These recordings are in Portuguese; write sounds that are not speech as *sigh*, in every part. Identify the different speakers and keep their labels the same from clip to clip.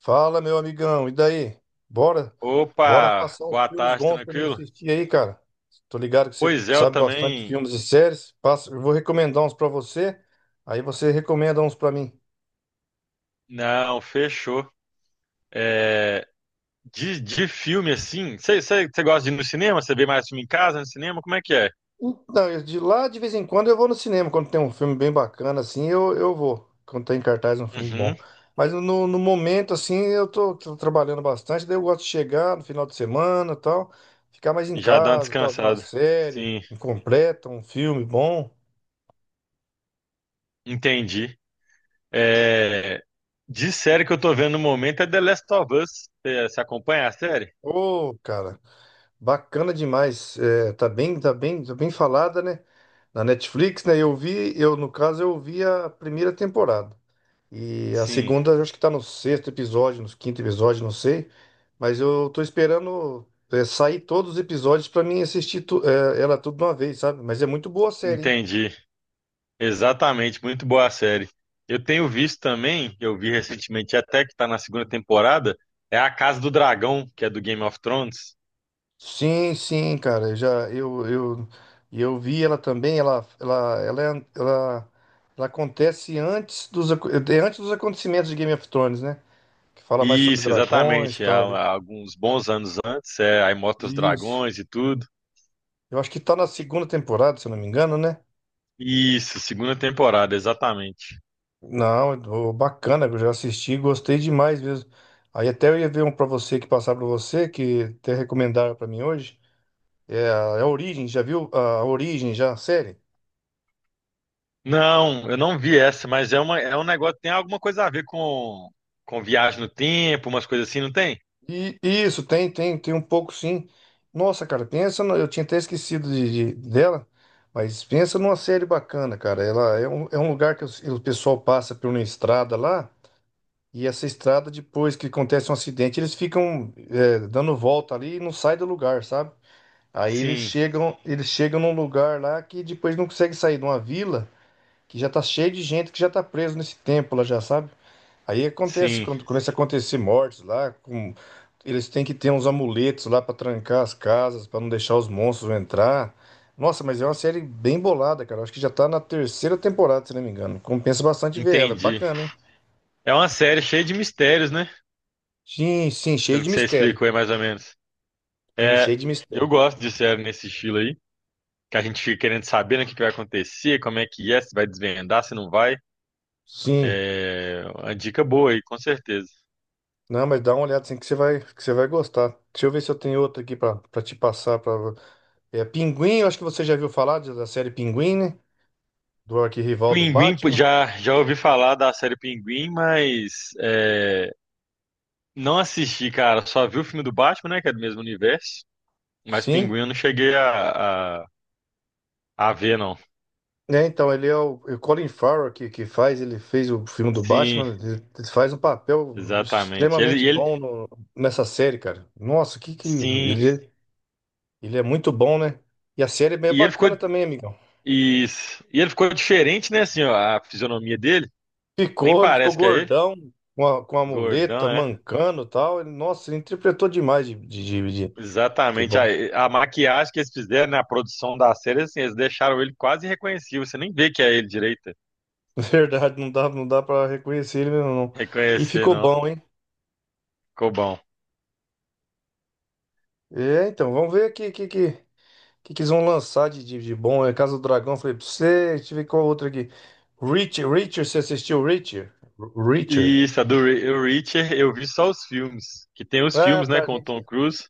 Speaker 1: Fala, meu amigão, e daí? Bora, bora
Speaker 2: Opa,
Speaker 1: passar uns
Speaker 2: boa
Speaker 1: filmes
Speaker 2: tarde,
Speaker 1: bons pra mim
Speaker 2: tranquilo?
Speaker 1: assistir aí, cara. Tô ligado que você
Speaker 2: Pois é, eu
Speaker 1: sabe bastante
Speaker 2: também.
Speaker 1: filmes e séries. Passa, eu vou recomendar uns pra você, aí você recomenda uns pra mim.
Speaker 2: Não, fechou. É, de filme assim, você gosta de ir no cinema? Você vê mais filme em casa, no cinema? Como é que é?
Speaker 1: Então, de vez em quando eu vou no cinema, quando tem um filme bem bacana assim, eu vou. Quando tem em cartaz um filme bom.
Speaker 2: Uhum,
Speaker 1: Mas no momento assim, eu tô trabalhando bastante, daí eu gosto de chegar no final de semana, e tal, ficar mais em
Speaker 2: já dá uma
Speaker 1: casa, tal, ver uma
Speaker 2: descansada.
Speaker 1: série,
Speaker 2: Sim,
Speaker 1: incompleta um filme bom.
Speaker 2: entendi. É, de série que eu tô vendo no momento é The Last of Us. Você acompanha a série?
Speaker 1: Ô, cara, bacana demais. É, tá bem, tá bem, tá bem falada, né? Na Netflix, né? Eu vi, eu no caso, eu vi a primeira temporada. E a
Speaker 2: Sim,
Speaker 1: segunda, eu acho que tá no sexto episódio, no quinto episódio, não sei. Mas eu tô esperando sair todos os episódios pra mim assistir ela tudo de uma vez, sabe? Mas é muito boa a série, hein?
Speaker 2: entendi. Exatamente, muito boa a série. Eu tenho visto também, eu vi recentemente até que está na segunda temporada, é a Casa do Dragão, que é do Game of Thrones.
Speaker 1: Sim, sim, cara, eu já eu vi ela também, ela, ela acontece antes dos aco- é é antes dos acontecimentos de Game of Thrones, né? Que fala mais sobre
Speaker 2: Isso,
Speaker 1: dragões, e
Speaker 2: exatamente. Há,
Speaker 1: tal, né?
Speaker 2: há alguns bons anos antes, aí mostra os
Speaker 1: Isso.
Speaker 2: dragões e tudo.
Speaker 1: Eu acho que tá na segunda temporada, se eu não me engano, né?
Speaker 2: Isso, segunda temporada, exatamente.
Speaker 1: Não, ô, bacana, eu já assisti, gostei demais mesmo. Aí até eu ia ver um pra você que passar pra você, que até recomendaram pra mim hoje. É a Origem, já viu a Origem já, a série?
Speaker 2: Não, eu não vi essa, mas é um negócio, tem alguma coisa a ver com viagem no tempo, umas coisas assim, não tem?
Speaker 1: E isso, tem, tem, tem um pouco sim. Nossa, cara, pensa, eu tinha até esquecido dela, mas pensa numa série bacana, cara. Ela é um lugar que o pessoal passa por uma estrada lá, e essa estrada, depois que acontece um acidente, eles ficam dando volta ali e não sai do lugar, sabe? Aí
Speaker 2: Sim,
Speaker 1: eles chegam num lugar lá que depois não consegue sair de uma vila que já tá cheio de gente que já tá preso nesse tempo lá já, sabe? Aí acontece,
Speaker 2: sim,
Speaker 1: quando começa a acontecer mortes lá, eles têm que ter uns amuletos lá pra trancar as casas, pra não deixar os monstros entrar. Nossa, mas é uma série bem bolada, cara. Acho que já tá na terceira temporada, se não me engano. Compensa bastante ver ela, é
Speaker 2: entendi.
Speaker 1: bacana, hein?
Speaker 2: É uma série cheia de mistérios, né?
Speaker 1: Sim, sim, cheio
Speaker 2: Pelo
Speaker 1: de
Speaker 2: que você
Speaker 1: mistério.
Speaker 2: explicou aí, mais ou menos.
Speaker 1: Sim,
Speaker 2: É,
Speaker 1: cheio de
Speaker 2: eu
Speaker 1: mistério.
Speaker 2: gosto de série nesse estilo aí, que a gente fica querendo saber, né, o que que vai acontecer, como é que é, se vai desvendar, se não vai.
Speaker 1: Sim.
Speaker 2: É uma dica boa aí, com certeza.
Speaker 1: Não, mas dá uma olhada assim que você vai gostar. Deixa eu ver se eu tenho outra aqui pra te passar para é Pinguim, eu acho que você já viu falar da série Pinguim, né? Do arquirrival do
Speaker 2: Pinguim, pô,
Speaker 1: Batman.
Speaker 2: já ouvi falar da série Pinguim, mas é, não assisti, cara. Só vi o filme do Batman, né, que é do mesmo universo, mas
Speaker 1: Sim.
Speaker 2: Pinguim eu não cheguei a ver, não.
Speaker 1: É, então, ele é o Colin Farrell que faz, ele fez o filme do
Speaker 2: Sim,
Speaker 1: Batman, ele faz um papel
Speaker 2: exatamente. Ele,
Speaker 1: extremamente
Speaker 2: e ele,
Speaker 1: bom nessa série, cara. Nossa, que
Speaker 2: sim,
Speaker 1: ele é muito bom, né? E a série é bem
Speaker 2: e ele ficou,
Speaker 1: bacana também, amigão.
Speaker 2: isso. E ele ficou diferente, né, assim, ó, a fisionomia dele, nem
Speaker 1: Ficou, ele ficou
Speaker 2: parece que é ele.
Speaker 1: gordão, com com a
Speaker 2: Gordão,
Speaker 1: muleta,
Speaker 2: é?
Speaker 1: mancando e tal. Ele, nossa, ele interpretou demais de
Speaker 2: Exatamente.
Speaker 1: bom.
Speaker 2: A maquiagem que eles fizeram na produção da série, assim, eles deixaram ele quase irreconhecível. Você nem vê que é ele direito.
Speaker 1: *laughs* Verdade, não dá para reconhecer ele mesmo, não. E
Speaker 2: Reconhecer,
Speaker 1: ficou
Speaker 2: não.
Speaker 1: bom, hein?
Speaker 2: Ficou bom.
Speaker 1: É, então, vamos ver aqui, que eles vão lançar de bom? É Casa do Dragão, falei pra você. Deixa eu ver qual outra aqui. Reacher, você assistiu Reacher? Reacher.
Speaker 2: E isso, a do o Richard, eu vi só os filmes. Que tem os
Speaker 1: Ah,
Speaker 2: filmes, né,
Speaker 1: tá,
Speaker 2: com o Tom
Speaker 1: gente.
Speaker 2: Cruise.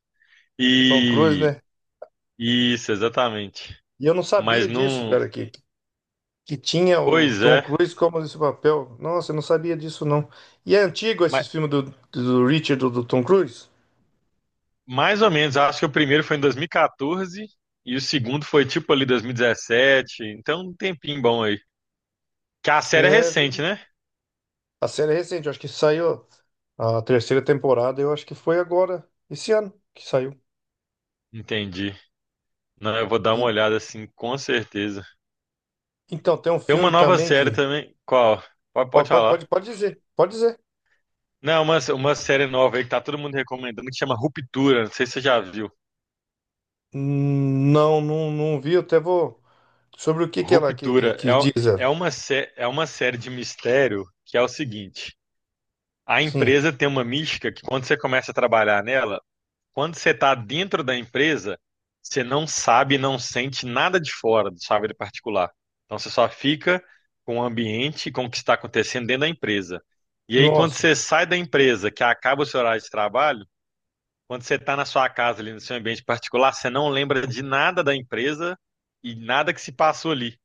Speaker 1: Tom Cruise,
Speaker 2: E.
Speaker 1: né?
Speaker 2: Isso, exatamente.
Speaker 1: E eu não
Speaker 2: Mas
Speaker 1: sabia disso,
Speaker 2: não.
Speaker 1: cara, que tinha o
Speaker 2: Pois
Speaker 1: Tom
Speaker 2: é.
Speaker 1: Cruise como esse papel. Nossa, eu não sabia disso, não. E é antigo esse
Speaker 2: Ma-
Speaker 1: filme do Richard do Tom Cruise?
Speaker 2: Mais ou menos. Acho que o primeiro foi em 2014. E quatorze. E o segundo foi tipo ali 2017. Então, um tempinho bom aí. Que a série é
Speaker 1: É,
Speaker 2: recente,
Speaker 1: ver-
Speaker 2: né?
Speaker 1: a série é recente, eu acho que saiu a terceira temporada, eu acho que foi agora, esse ano que saiu.
Speaker 2: Entendi. Não, eu vou dar uma
Speaker 1: E-
Speaker 2: olhada assim, com certeza.
Speaker 1: então, tem um
Speaker 2: Tem uma
Speaker 1: filme
Speaker 2: nova
Speaker 1: também
Speaker 2: série
Speaker 1: que...
Speaker 2: também. Qual? Pode,
Speaker 1: Pode,
Speaker 2: pode
Speaker 1: pode, pode
Speaker 2: falar.
Speaker 1: pode dizer, pode dizer.
Speaker 2: Não, uma série nova aí que tá todo mundo recomendando que chama Ruptura. Não sei se você já viu.
Speaker 1: Não, não vi. Eu até vou. Sobre o que que
Speaker 2: Ruptura
Speaker 1: que diz ela?
Speaker 2: é uma série de mistério que é o seguinte: a
Speaker 1: Sim.
Speaker 2: empresa tem uma mística que quando você começa a trabalhar nela. Quando você está dentro da empresa, você não sabe, não sente nada de fora do sua vida particular. Então você só fica com o ambiente, e com o que está acontecendo dentro da empresa. E aí, quando
Speaker 1: Nossa.
Speaker 2: você sai da empresa, que acaba o seu horário de trabalho, quando você está na sua casa, ali no seu ambiente particular, você não lembra de nada da empresa e nada que se passou ali.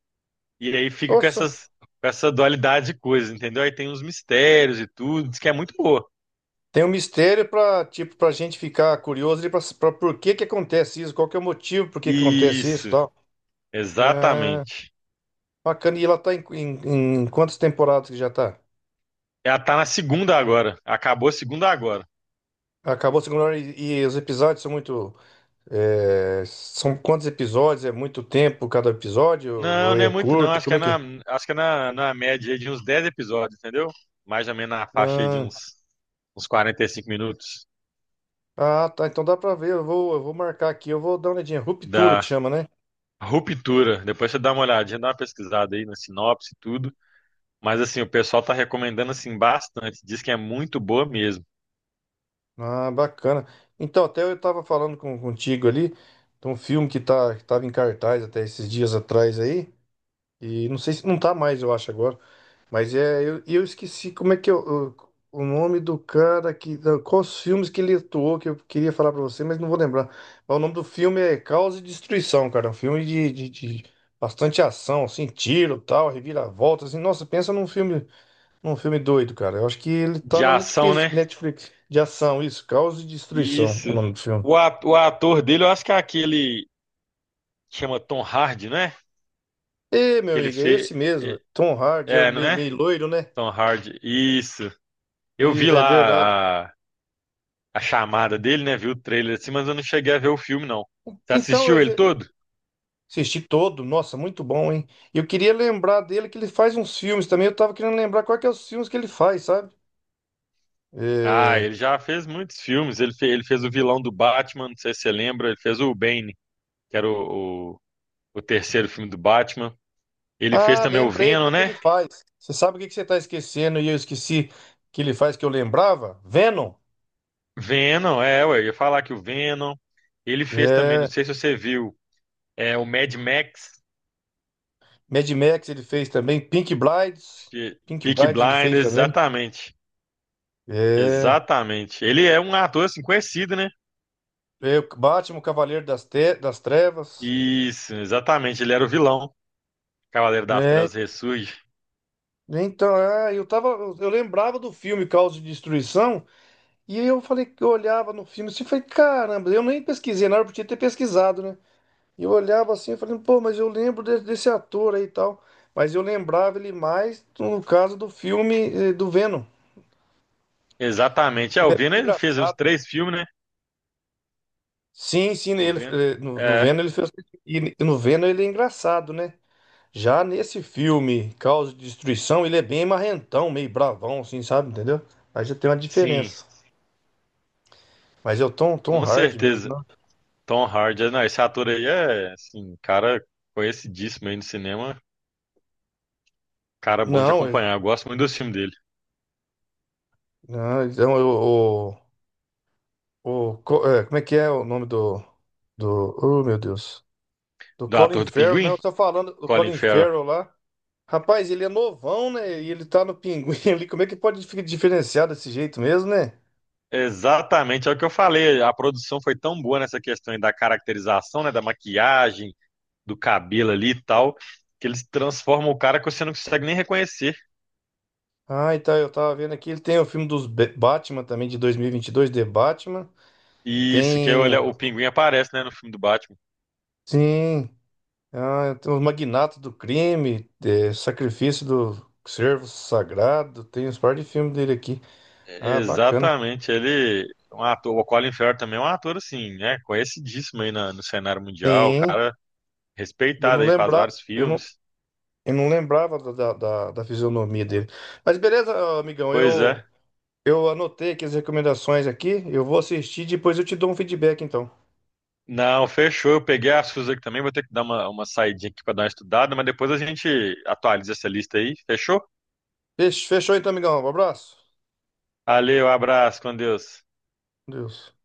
Speaker 2: E aí fica com
Speaker 1: Nossa.
Speaker 2: essas, com essa dualidade de coisas, entendeu? Aí tem uns mistérios e tudo, diz que é muito boa.
Speaker 1: Tem um mistério para tipo para gente ficar curioso e para por que que acontece isso? Qual que é o motivo por que que acontece isso, e
Speaker 2: Isso,
Speaker 1: tal? É,
Speaker 2: exatamente.
Speaker 1: bacana. E ela tá em quantas temporadas que já tá?
Speaker 2: Ela tá na segunda agora. Acabou a segunda agora.
Speaker 1: Acabou a segunda e os episódios são muito são quantos episódios? É muito tempo cada episódio
Speaker 2: Não,
Speaker 1: ou
Speaker 2: não é
Speaker 1: é
Speaker 2: muito não.
Speaker 1: curto? Como é que é?
Speaker 2: Acho que é na, na média aí de uns 10 episódios, entendeu? Mais ou menos na faixa aí de
Speaker 1: Ah,
Speaker 2: uns, uns 45 minutos
Speaker 1: ah, tá. Então dá pra ver. Eu vou marcar aqui. Eu vou dar uma olhadinha. Ruptura que
Speaker 2: da
Speaker 1: chama, né?
Speaker 2: ruptura. Depois você dá uma olhadinha, dá uma pesquisada aí na sinopse e tudo. Mas assim, o pessoal tá recomendando assim bastante. Diz que é muito boa mesmo.
Speaker 1: Ah, bacana. Então, até eu tava falando contigo ali de um filme que tava em cartaz até esses dias atrás aí. E não sei se não tá mais, eu acho, agora. Mas é, eu esqueci como é que o nome do cara Quais os filmes que ele atuou que eu queria falar pra você, mas não vou lembrar. Mas o nome do filme é Caos e Destruição, cara. É um filme de bastante ação, assim, tiro, tal, reviravolta, assim. Nossa, pensa num filme. Um filme doido, cara. Eu acho que ele tá
Speaker 2: De
Speaker 1: na
Speaker 2: ação,
Speaker 1: Netflix,
Speaker 2: né?
Speaker 1: Netflix de ação, isso, Caos e Destruição, o
Speaker 2: Isso.
Speaker 1: nome do filme.
Speaker 2: O ator dele, eu acho que é aquele que chama Tom Hardy, né?
Speaker 1: Ê, meu
Speaker 2: Que ele
Speaker 1: amigo, é
Speaker 2: fez.
Speaker 1: esse mesmo. Tom Hardy é
Speaker 2: É, né?
Speaker 1: meio loiro, né?
Speaker 2: Tom Hardy. Isso. Eu vi
Speaker 1: É verdade.
Speaker 2: lá a chamada dele, né? Vi o trailer assim, mas eu não cheguei a ver o filme, não. Você
Speaker 1: Então,
Speaker 2: assistiu
Speaker 1: mas
Speaker 2: ele
Speaker 1: eu
Speaker 2: todo?
Speaker 1: assisti todo, nossa, muito bom, hein? Eu queria lembrar dele que ele faz uns filmes também. Eu tava querendo lembrar quais que é os filmes que ele faz, sabe?
Speaker 2: Ah,
Speaker 1: É...
Speaker 2: ele já fez muitos filmes. Ele fez o vilão do Batman, não sei se você lembra. Ele fez o Bane, que era o terceiro filme do Batman. Ele fez
Speaker 1: Ah,
Speaker 2: também o
Speaker 1: lembrei o
Speaker 2: Venom,
Speaker 1: que que
Speaker 2: né?
Speaker 1: ele faz. Você sabe o que que você tá esquecendo e eu esqueci que ele faz que eu lembrava? Venom.
Speaker 2: Venom, é, ué, eu ia falar que o Venom. Ele fez também, não
Speaker 1: É.
Speaker 2: sei se você viu, é o Mad Max,
Speaker 1: Mad Max ele fez também. Pink Brides. Pink
Speaker 2: Peaky
Speaker 1: Brides ele fez
Speaker 2: Blinders,
Speaker 1: também.
Speaker 2: exatamente.
Speaker 1: É.
Speaker 2: Exatamente. Ele é um ator assim conhecido, né?
Speaker 1: É, o Batman, o Cavaleiro das, das Trevas.
Speaker 2: Isso, exatamente. Ele era o vilão. Cavaleiro das
Speaker 1: Né?
Speaker 2: Trevas ressurge.
Speaker 1: Então, é, eu tava. Eu lembrava do filme Caos de Destruição. E aí eu falei que eu olhava no filme assim e falei, caramba, eu nem pesquisei na hora, eu podia ter pesquisado, né? E eu olhava assim e falei, pô, mas eu lembro desse ator aí e tal. Mas eu lembrava ele mais no caso do filme eh, do Venom.
Speaker 2: Exatamente. É,
Speaker 1: Ele
Speaker 2: o
Speaker 1: é
Speaker 2: Venom
Speaker 1: bem
Speaker 2: ele fez uns
Speaker 1: engraçado.
Speaker 2: três filmes, né?
Speaker 1: Sim, sim,
Speaker 2: O
Speaker 1: ele,
Speaker 2: Venom.
Speaker 1: eh, no, no
Speaker 2: É,
Speaker 1: Venom ele fez. E no Venom ele é engraçado, né? Já nesse filme, Causa de Destruição, ele é bem marrentão, meio bravão, assim, sabe? Entendeu? Aí já tem uma
Speaker 2: sim,
Speaker 1: diferença. Mas é o Tom
Speaker 2: com
Speaker 1: Hardy mesmo,
Speaker 2: certeza.
Speaker 1: não?
Speaker 2: Tom Hardy, é, não, esse ator aí é, assim, um cara conhecidíssimo aí no cinema, cara bom de
Speaker 1: Não,
Speaker 2: acompanhar. Eu gosto muito do filme dele.
Speaker 1: então como é que é o nome do, do. Oh, meu Deus. Do
Speaker 2: Do
Speaker 1: Colin
Speaker 2: ator do
Speaker 1: Farrell, né?
Speaker 2: Pinguim,
Speaker 1: Eu tô falando do
Speaker 2: Colin
Speaker 1: Colin
Speaker 2: Farrell.
Speaker 1: Farrell lá. Rapaz, ele é novão, né? E ele tá no pinguim *laughs* ali. Como é que pode ficar diferenciado desse jeito mesmo, né?
Speaker 2: Exatamente, é o que eu falei. A produção foi tão boa nessa questão aí da caracterização, né, da maquiagem, do cabelo ali e tal, que eles transformam o cara que você não consegue nem reconhecer.
Speaker 1: Ah, e tá, eu tava vendo aqui, ele tem o filme dos Batman também, de dois mil e vinte e dois The Batman.
Speaker 2: E isso que é,
Speaker 1: Tem,
Speaker 2: olha, o Pinguim aparece, né, no filme do Batman.
Speaker 1: sim, ah, tem os Magnatos do Crime, eh, Sacrifício do Servo Sagrado, tem uns par de filmes dele aqui. Ah, bacana.
Speaker 2: Exatamente, ele é um ator, o Colin Firth também é um ator assim, né, conhecidíssimo aí no cenário mundial, o
Speaker 1: Sim,
Speaker 2: cara
Speaker 1: e eu não
Speaker 2: respeitado aí, faz
Speaker 1: lembrava,
Speaker 2: vários filmes.
Speaker 1: eu não lembrava da fisionomia dele. Mas beleza, amigão,
Speaker 2: Pois é.
Speaker 1: eu anotei aqui as recomendações aqui, eu vou assistir, e depois eu te dou um feedback, então.
Speaker 2: Não, fechou. Eu peguei as suas aqui também, vou ter que dar uma saidinha aqui para dar uma estudada, mas depois a gente atualiza essa lista aí, fechou?
Speaker 1: Fechou então, amigão, um abraço.
Speaker 2: Valeu, abraço, com Deus.
Speaker 1: Deus.